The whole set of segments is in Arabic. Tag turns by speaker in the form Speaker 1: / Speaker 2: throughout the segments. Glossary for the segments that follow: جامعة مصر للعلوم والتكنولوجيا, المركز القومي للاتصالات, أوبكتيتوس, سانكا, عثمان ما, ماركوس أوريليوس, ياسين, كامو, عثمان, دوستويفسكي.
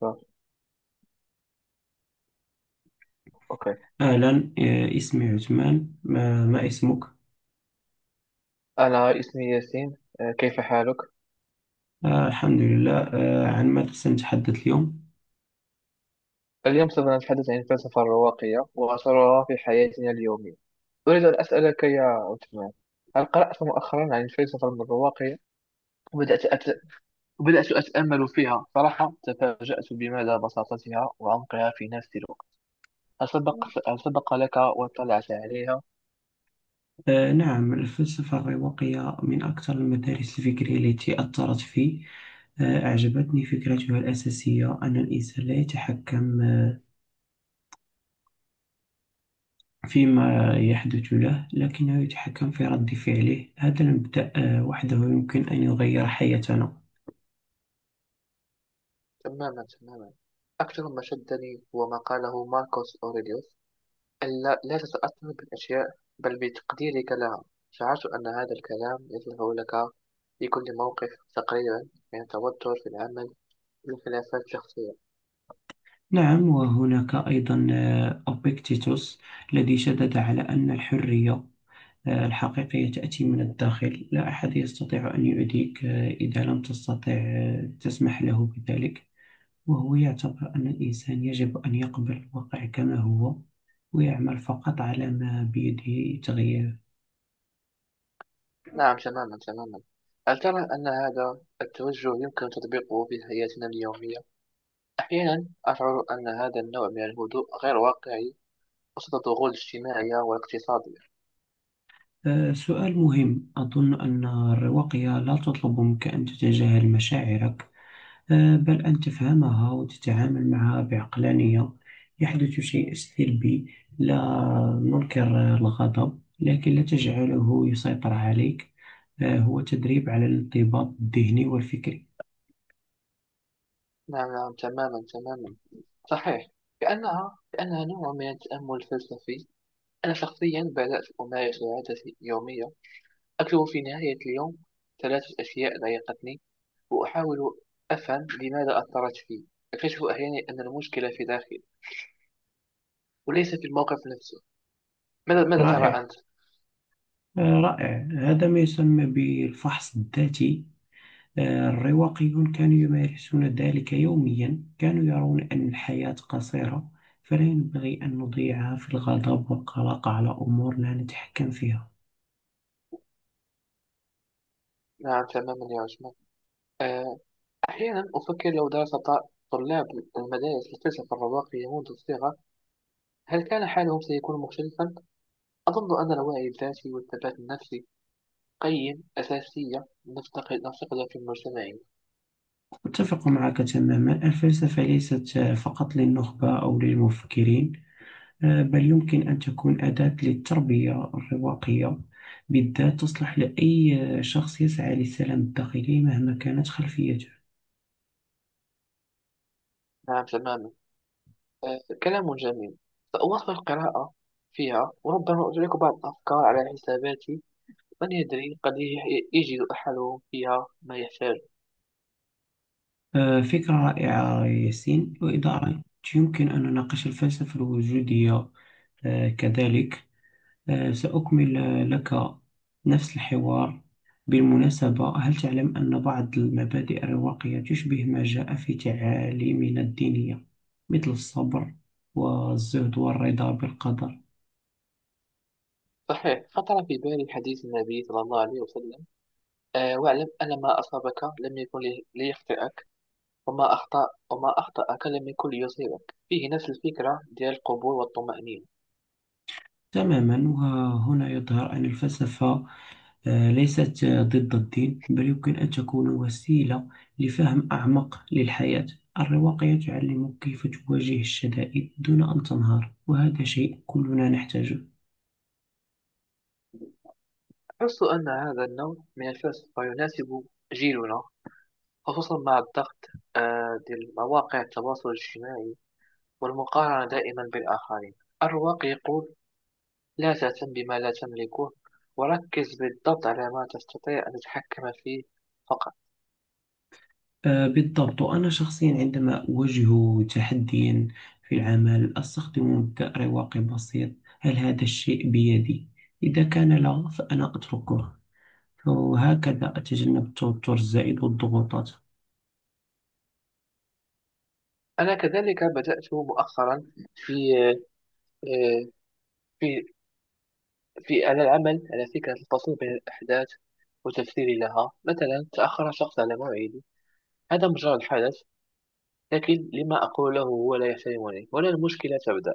Speaker 1: صح. أوكي.
Speaker 2: أهلا، اسمي عثمان. ما اسمك؟
Speaker 1: أنا اسمي ياسين، كيف حالك؟
Speaker 2: الحمد لله. عن ماذا سنتحدث اليوم؟
Speaker 1: اليوم سوف نتحدث عن الفلسفة الرواقية وأثرها في حياتنا اليومية. أريد أن أسألك يا عثمان، هل قرأت مؤخرا عن الفلسفة الرواقية؟ وبدأت أت... وبدأت أتأمل فيها. صراحة تفاجأت بمدى بساطتها وعمقها في نفس الوقت. هل سبق هل سبق لك واطلعت عليها؟
Speaker 2: نعم، الفلسفة الرواقية من أكثر المدارس الفكرية التي أثرت في. أعجبتني فكرتها الأساسية، أن الإنسان لا يتحكم فيما يحدث له، لكنه يتحكم في رد فعله. هذا المبدأ وحده يمكن أن يغير حياتنا.
Speaker 1: تماما، تماما. أكثر ما شدني هو ما قاله ماركوس أوريليوس: ألا لا تتأثر بالأشياء، بل بتقديرك لها. شعرت أن هذا الكلام يصلح لك في كل موقف تقريبا، من التوتر في العمل والخلافات الشخصية.
Speaker 2: نعم، وهناك أيضا أوبكتيتوس، الذي شدد على أن الحرية الحقيقية تأتي من الداخل. لا أحد يستطيع أن يؤذيك إذا لم تستطع تسمح له بذلك. وهو يعتبر أن الإنسان يجب أن يقبل الواقع كما هو، ويعمل فقط على ما بيده تغييره.
Speaker 1: نعم، تماما تماما. هل ترى أن هذا التوجه يمكن تطبيقه في حياتنا اليومية؟ أحيانا أشعر أن هذا النوع من الهدوء غير واقعي وسط الضغوط الاجتماعية والاقتصادية.
Speaker 2: سؤال مهم. أظن أن الرواقية لا تطلب منك أن تتجاهل مشاعرك، بل أن تفهمها وتتعامل معها بعقلانية. يحدث شيء سلبي، لا ننكر الغضب، لكن لا تجعله يسيطر عليك. هو تدريب على الانضباط الذهني والفكري.
Speaker 1: نعم نعم، تماما تماما، صحيح. كأنها نوع من التأمل الفلسفي. أنا شخصيا بدأت أمارس عادة يومية، أكتب في نهاية اليوم ثلاثة أشياء ضايقتني وأحاول أفهم لماذا أثرت في. أكتشف أحيانا أن المشكلة في داخلي وليس في الموقف نفسه. ماذا ترى
Speaker 2: رائع،
Speaker 1: أنت؟
Speaker 2: رائع. هذا ما يسمى بالفحص الذاتي. الرواقيون كانوا يمارسون ذلك يوميا. كانوا يرون أن الحياة قصيرة، فلا ينبغي أن نضيعها في الغضب والقلق على أمور لا نتحكم فيها.
Speaker 1: نعم تماما يا عثمان. آه، أحيانا أفكر، لو درس طلاب المدارس الفلسفة الرواقية منذ الصغر، هل كان حالهم سيكون مختلفا؟ أظن أن الوعي الذاتي والثبات النفسي قيم أساسية نفتقدها في مجتمعنا.
Speaker 2: أتفق معك تماما، الفلسفة ليست فقط للنخبة أو للمفكرين، بل يمكن أن تكون أداة للتربية. الرواقية بالذات تصلح لأي شخص يسعى للسلام الداخلي، مهما كانت خلفيته.
Speaker 1: نعم تماما، كلام جميل. سأواصل القراءة فيها، وربما أشارك بعض الأفكار على حساباتي. من يدري، قد يجد أحدهم فيها ما يحتاج.
Speaker 2: فكرة رائعة ياسين، وإذا أردت يمكن أن نناقش الفلسفة الوجودية كذلك. سأكمل لك نفس الحوار. بالمناسبة، هل تعلم أن بعض المبادئ الرواقية تشبه ما جاء في تعاليمنا الدينية، مثل الصبر والزهد والرضا بالقدر؟
Speaker 1: صحيح، خطر في بالي حديث النبي صلى الله عليه وسلم: أه، واعلم أن ما أصابك لم يكن ليخطئك، وما أخطأك لم يكن ليصيبك. فيه نفس الفكرة ديال القبول والطمأنينة.
Speaker 2: تماما، وهنا يظهر أن الفلسفة ليست ضد الدين، بل يمكن أن تكون وسيلة لفهم أعمق للحياة. الرواقية تعلمك كيف تواجه الشدائد دون أن تنهار، وهذا شيء كلنا نحتاجه.
Speaker 1: أحس أن هذا النوع من الفلسفة يناسب جيلنا، خصوصا مع الضغط ديال مواقع التواصل الاجتماعي والمقارنة دائما بالآخرين. الرواق يقول لا تهتم بما لا تملكه، وركز بالضبط على ما تستطيع أن تتحكم فيه فقط.
Speaker 2: بالضبط. وأنا شخصيا عندما أواجه تحديا في العمل، أستخدم مبدأ رواقي بسيط: هل هذا الشيء بيدي؟ إذا كان لا، فأنا أتركه، وهكذا أتجنب التوتر الزائد والضغوطات.
Speaker 1: أنا كذلك بدأت مؤخرا في آه، في في على العمل على فكرة الفصل بين الأحداث وتفسيري لها. مثلا تأخر شخص على موعدي، هذا مجرد حدث، لكن لما أقوله هو لا يحترمني ولا، المشكلة تبدأ.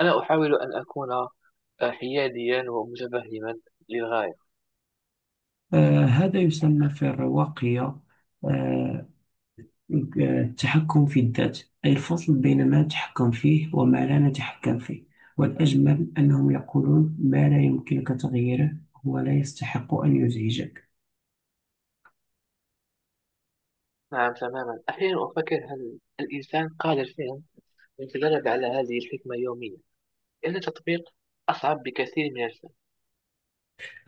Speaker 1: أنا أحاول أن أكون حياديا ومتفهما للغاية.
Speaker 2: هذا يسمى في الرواقية آه، التحكم في الذات، أي الفصل بين ما نتحكم فيه وما لا نتحكم فيه. والأجمل أنهم يقولون ما لا يمكنك تغييره ولا يستحق أن يزعجك.
Speaker 1: نعم تماما. أحيانا أفكر، هل الإنسان قادر فعلا أن يتدرب على هذه الحكمة يوميا؟ لأن التطبيق أصعب بكثير من الفهم.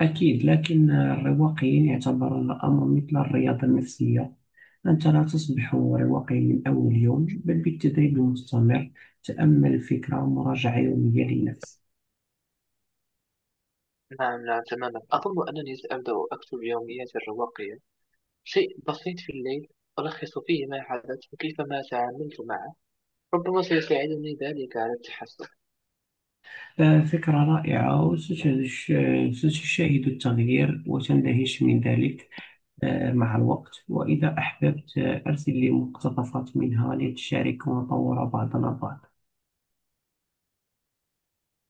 Speaker 2: أكيد، لكن الرواقيين يعتبرون الأمر مثل الرياضة النفسية. أنت لا تصبح رواقيا من أول يوم، بل بالتدريب المستمر، تأمل الفكرة، مراجعة يومية للنفس.
Speaker 1: نعم نعم تماما، أظن أنني سأبدأ أكتب يومياتي الرواقية، شيء بسيط في الليل ألخص فيه ما حدث وكيف ما تعاملت معه. ربما سيساعدني ذلك على التحسن.
Speaker 2: فكرة رائعة، ستشاهد التغيير وتندهش من ذلك مع الوقت. وإذا أحببت أرسل لي مقتطفات منها لتشارك ونطور بعضنا البعض.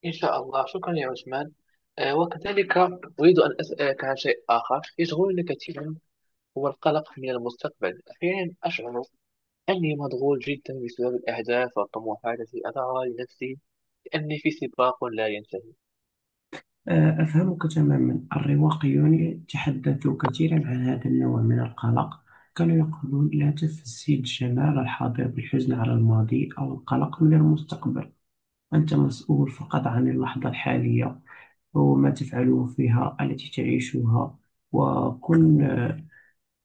Speaker 1: إن شاء الله. شكرا يا عثمان. وكذلك أريد أن أسألك عن شيء آخر يشغلني كثيرا، هو القلق من المستقبل. أحيانا أشعر أني مشغول جدا بسبب الأهداف والطموحات التي أضعها لنفسي، لأني في سباق لا ينتهي.
Speaker 2: أفهمك تماما. الرواقيون تحدثوا كثيرا عن هذا النوع من القلق. كانوا يقولون لا تفسد جمال الحاضر بالحزن على الماضي أو القلق من المستقبل. أنت مسؤول فقط عن اللحظة الحالية وما تفعله فيها التي تعيشها، وكن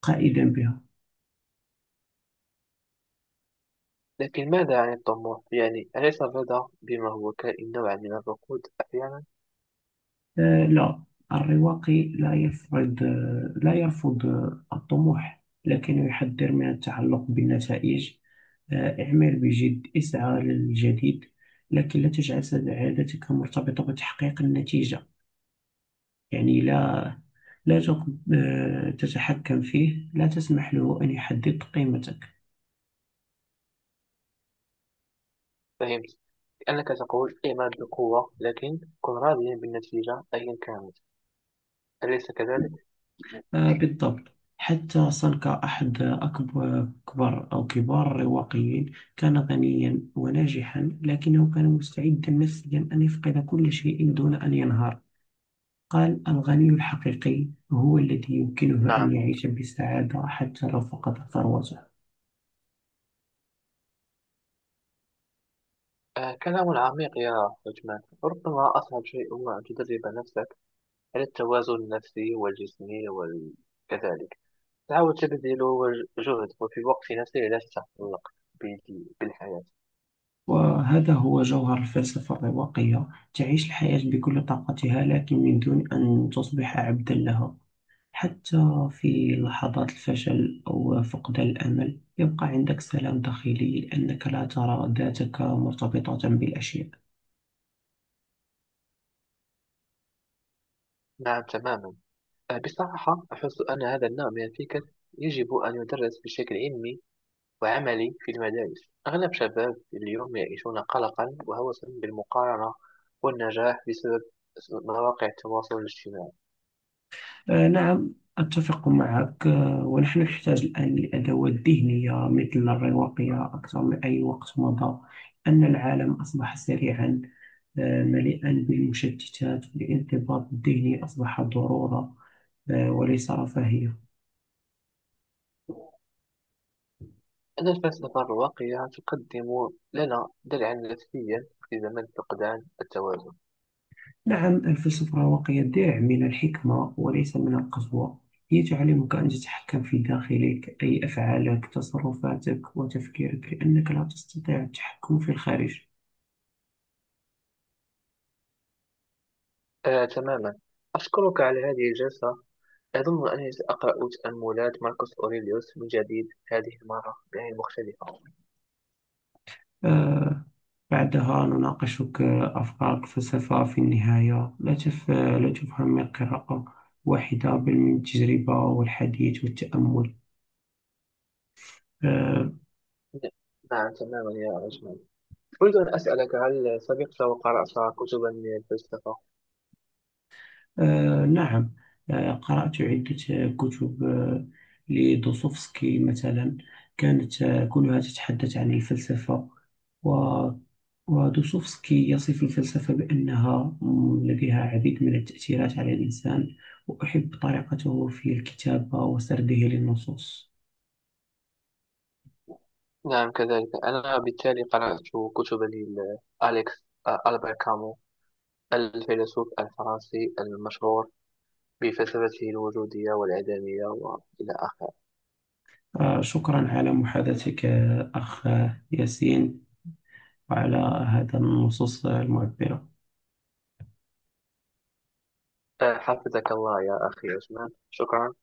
Speaker 2: قائدا بها.
Speaker 1: لكن ماذا عن الطموح؟ يعني أليس الرضا بما هو كائن نوعا من الركود أحيانا؟
Speaker 2: لا، الرواقي لا يفرض آه، لا يرفض الطموح، لكنه يحذر من التعلق بالنتائج. اعمل بجد، اسعى للجديد، لكن لا تجعل سعادتك مرتبطة بتحقيق النتيجة. يعني لا لا تتحكم فيه، لا تسمح له أن يحدد قيمتك.
Speaker 1: فهمت، لأنك تقول اعمل بقوة لكن كن راضيا بالنتيجة أيا كانت، أليس كذلك؟
Speaker 2: بالضبط. حتى سانكا، أحد أكبر كبار أو كبار الرواقيين، كان غنيا وناجحا، لكنه كان مستعدا نفسيا أن يفقد كل شيء دون أن ينهار. قال: الغني الحقيقي هو الذي يمكنه أن
Speaker 1: نعم.
Speaker 2: يعيش بسعادة حتى لو فقد ثروته.
Speaker 1: آه، كلام عميق يا عثمان. ربما أصعب شيء هو أن تدرب نفسك على التوازن النفسي والجسمي، وكذلك تعاود تبذل جهد وفي وقت يسير لا تتعلق بالحياة.
Speaker 2: وهذا هو جوهر الفلسفة الرواقية، تعيش الحياة بكل طاقتها لكن من دون أن تصبح عبدا لها. حتى في لحظات الفشل أو فقدان الأمل، يبقى عندك سلام داخلي، لأنك لا ترى ذاتك مرتبطة بالأشياء.
Speaker 1: نعم تماما. أه، بصراحة أحس أن هذا النوع من الفكر يجب أن يدرس بشكل علمي وعملي في المدارس. أغلب شباب اليوم يعيشون قلقا وهوسا بالمقارنة والنجاح بسبب مواقع التواصل الاجتماعي.
Speaker 2: نعم، أتفق معك. ونحن نحتاج الآن لأدوات ذهنية مثل الرواقية أكثر من أي وقت مضى. أن العالم أصبح سريعا مليئا بالمشتتات، والانضباط الذهني أصبح ضرورة وليس رفاهية.
Speaker 1: أن الفلسفة الراقية تقدم لنا درعا نفسيا في زمن فقدان التوازن.
Speaker 2: نعم، الفلسفة الرواقية درع من الحكمة وليس من القسوة. هي تعلمك أن تتحكم في داخلك، أي أفعالك، تصرفاتك وتفكيرك، لأنك لا تستطيع التحكم في الخارج.
Speaker 1: أه تماما. أشكرك على هذه الجلسة. أظن أنني سأقرأ تأملات ماركوس أوريليوس من جديد، هذه المرة بعين مختلفة.
Speaker 2: آه، بعدها نناقشك أفكارك. فلسفة في النهاية، لا تفهم القراءة واحدة، بل من التجربة والحديث والتأمل. آه
Speaker 1: نعم تماما يا أجمل. أريد أن أسألك، هل سبق وقرأت كتبا من الفلسفة؟
Speaker 2: نعم، قرأت عدة كتب لدوستويفسكي مثلا. كانت كلها تتحدث عن الفلسفة، و ودوستويفسكي يصف الفلسفة بأنها لديها العديد من التأثيرات على الإنسان. وأحب طريقته في الكتابة وسرده للنصوص.
Speaker 1: نعم كذلك، أنا بالتالي قرأت كتبا لأليكس، ألبر كامو، الفيلسوف الفرنسي المشهور بفلسفته الوجودية والعدمية وإلى آخره.
Speaker 2: شكرا على محادثتك أخ ياسين، وعلى هذا النصوص المعبرة.
Speaker 1: حفظك الله يا أخي عثمان. شكرا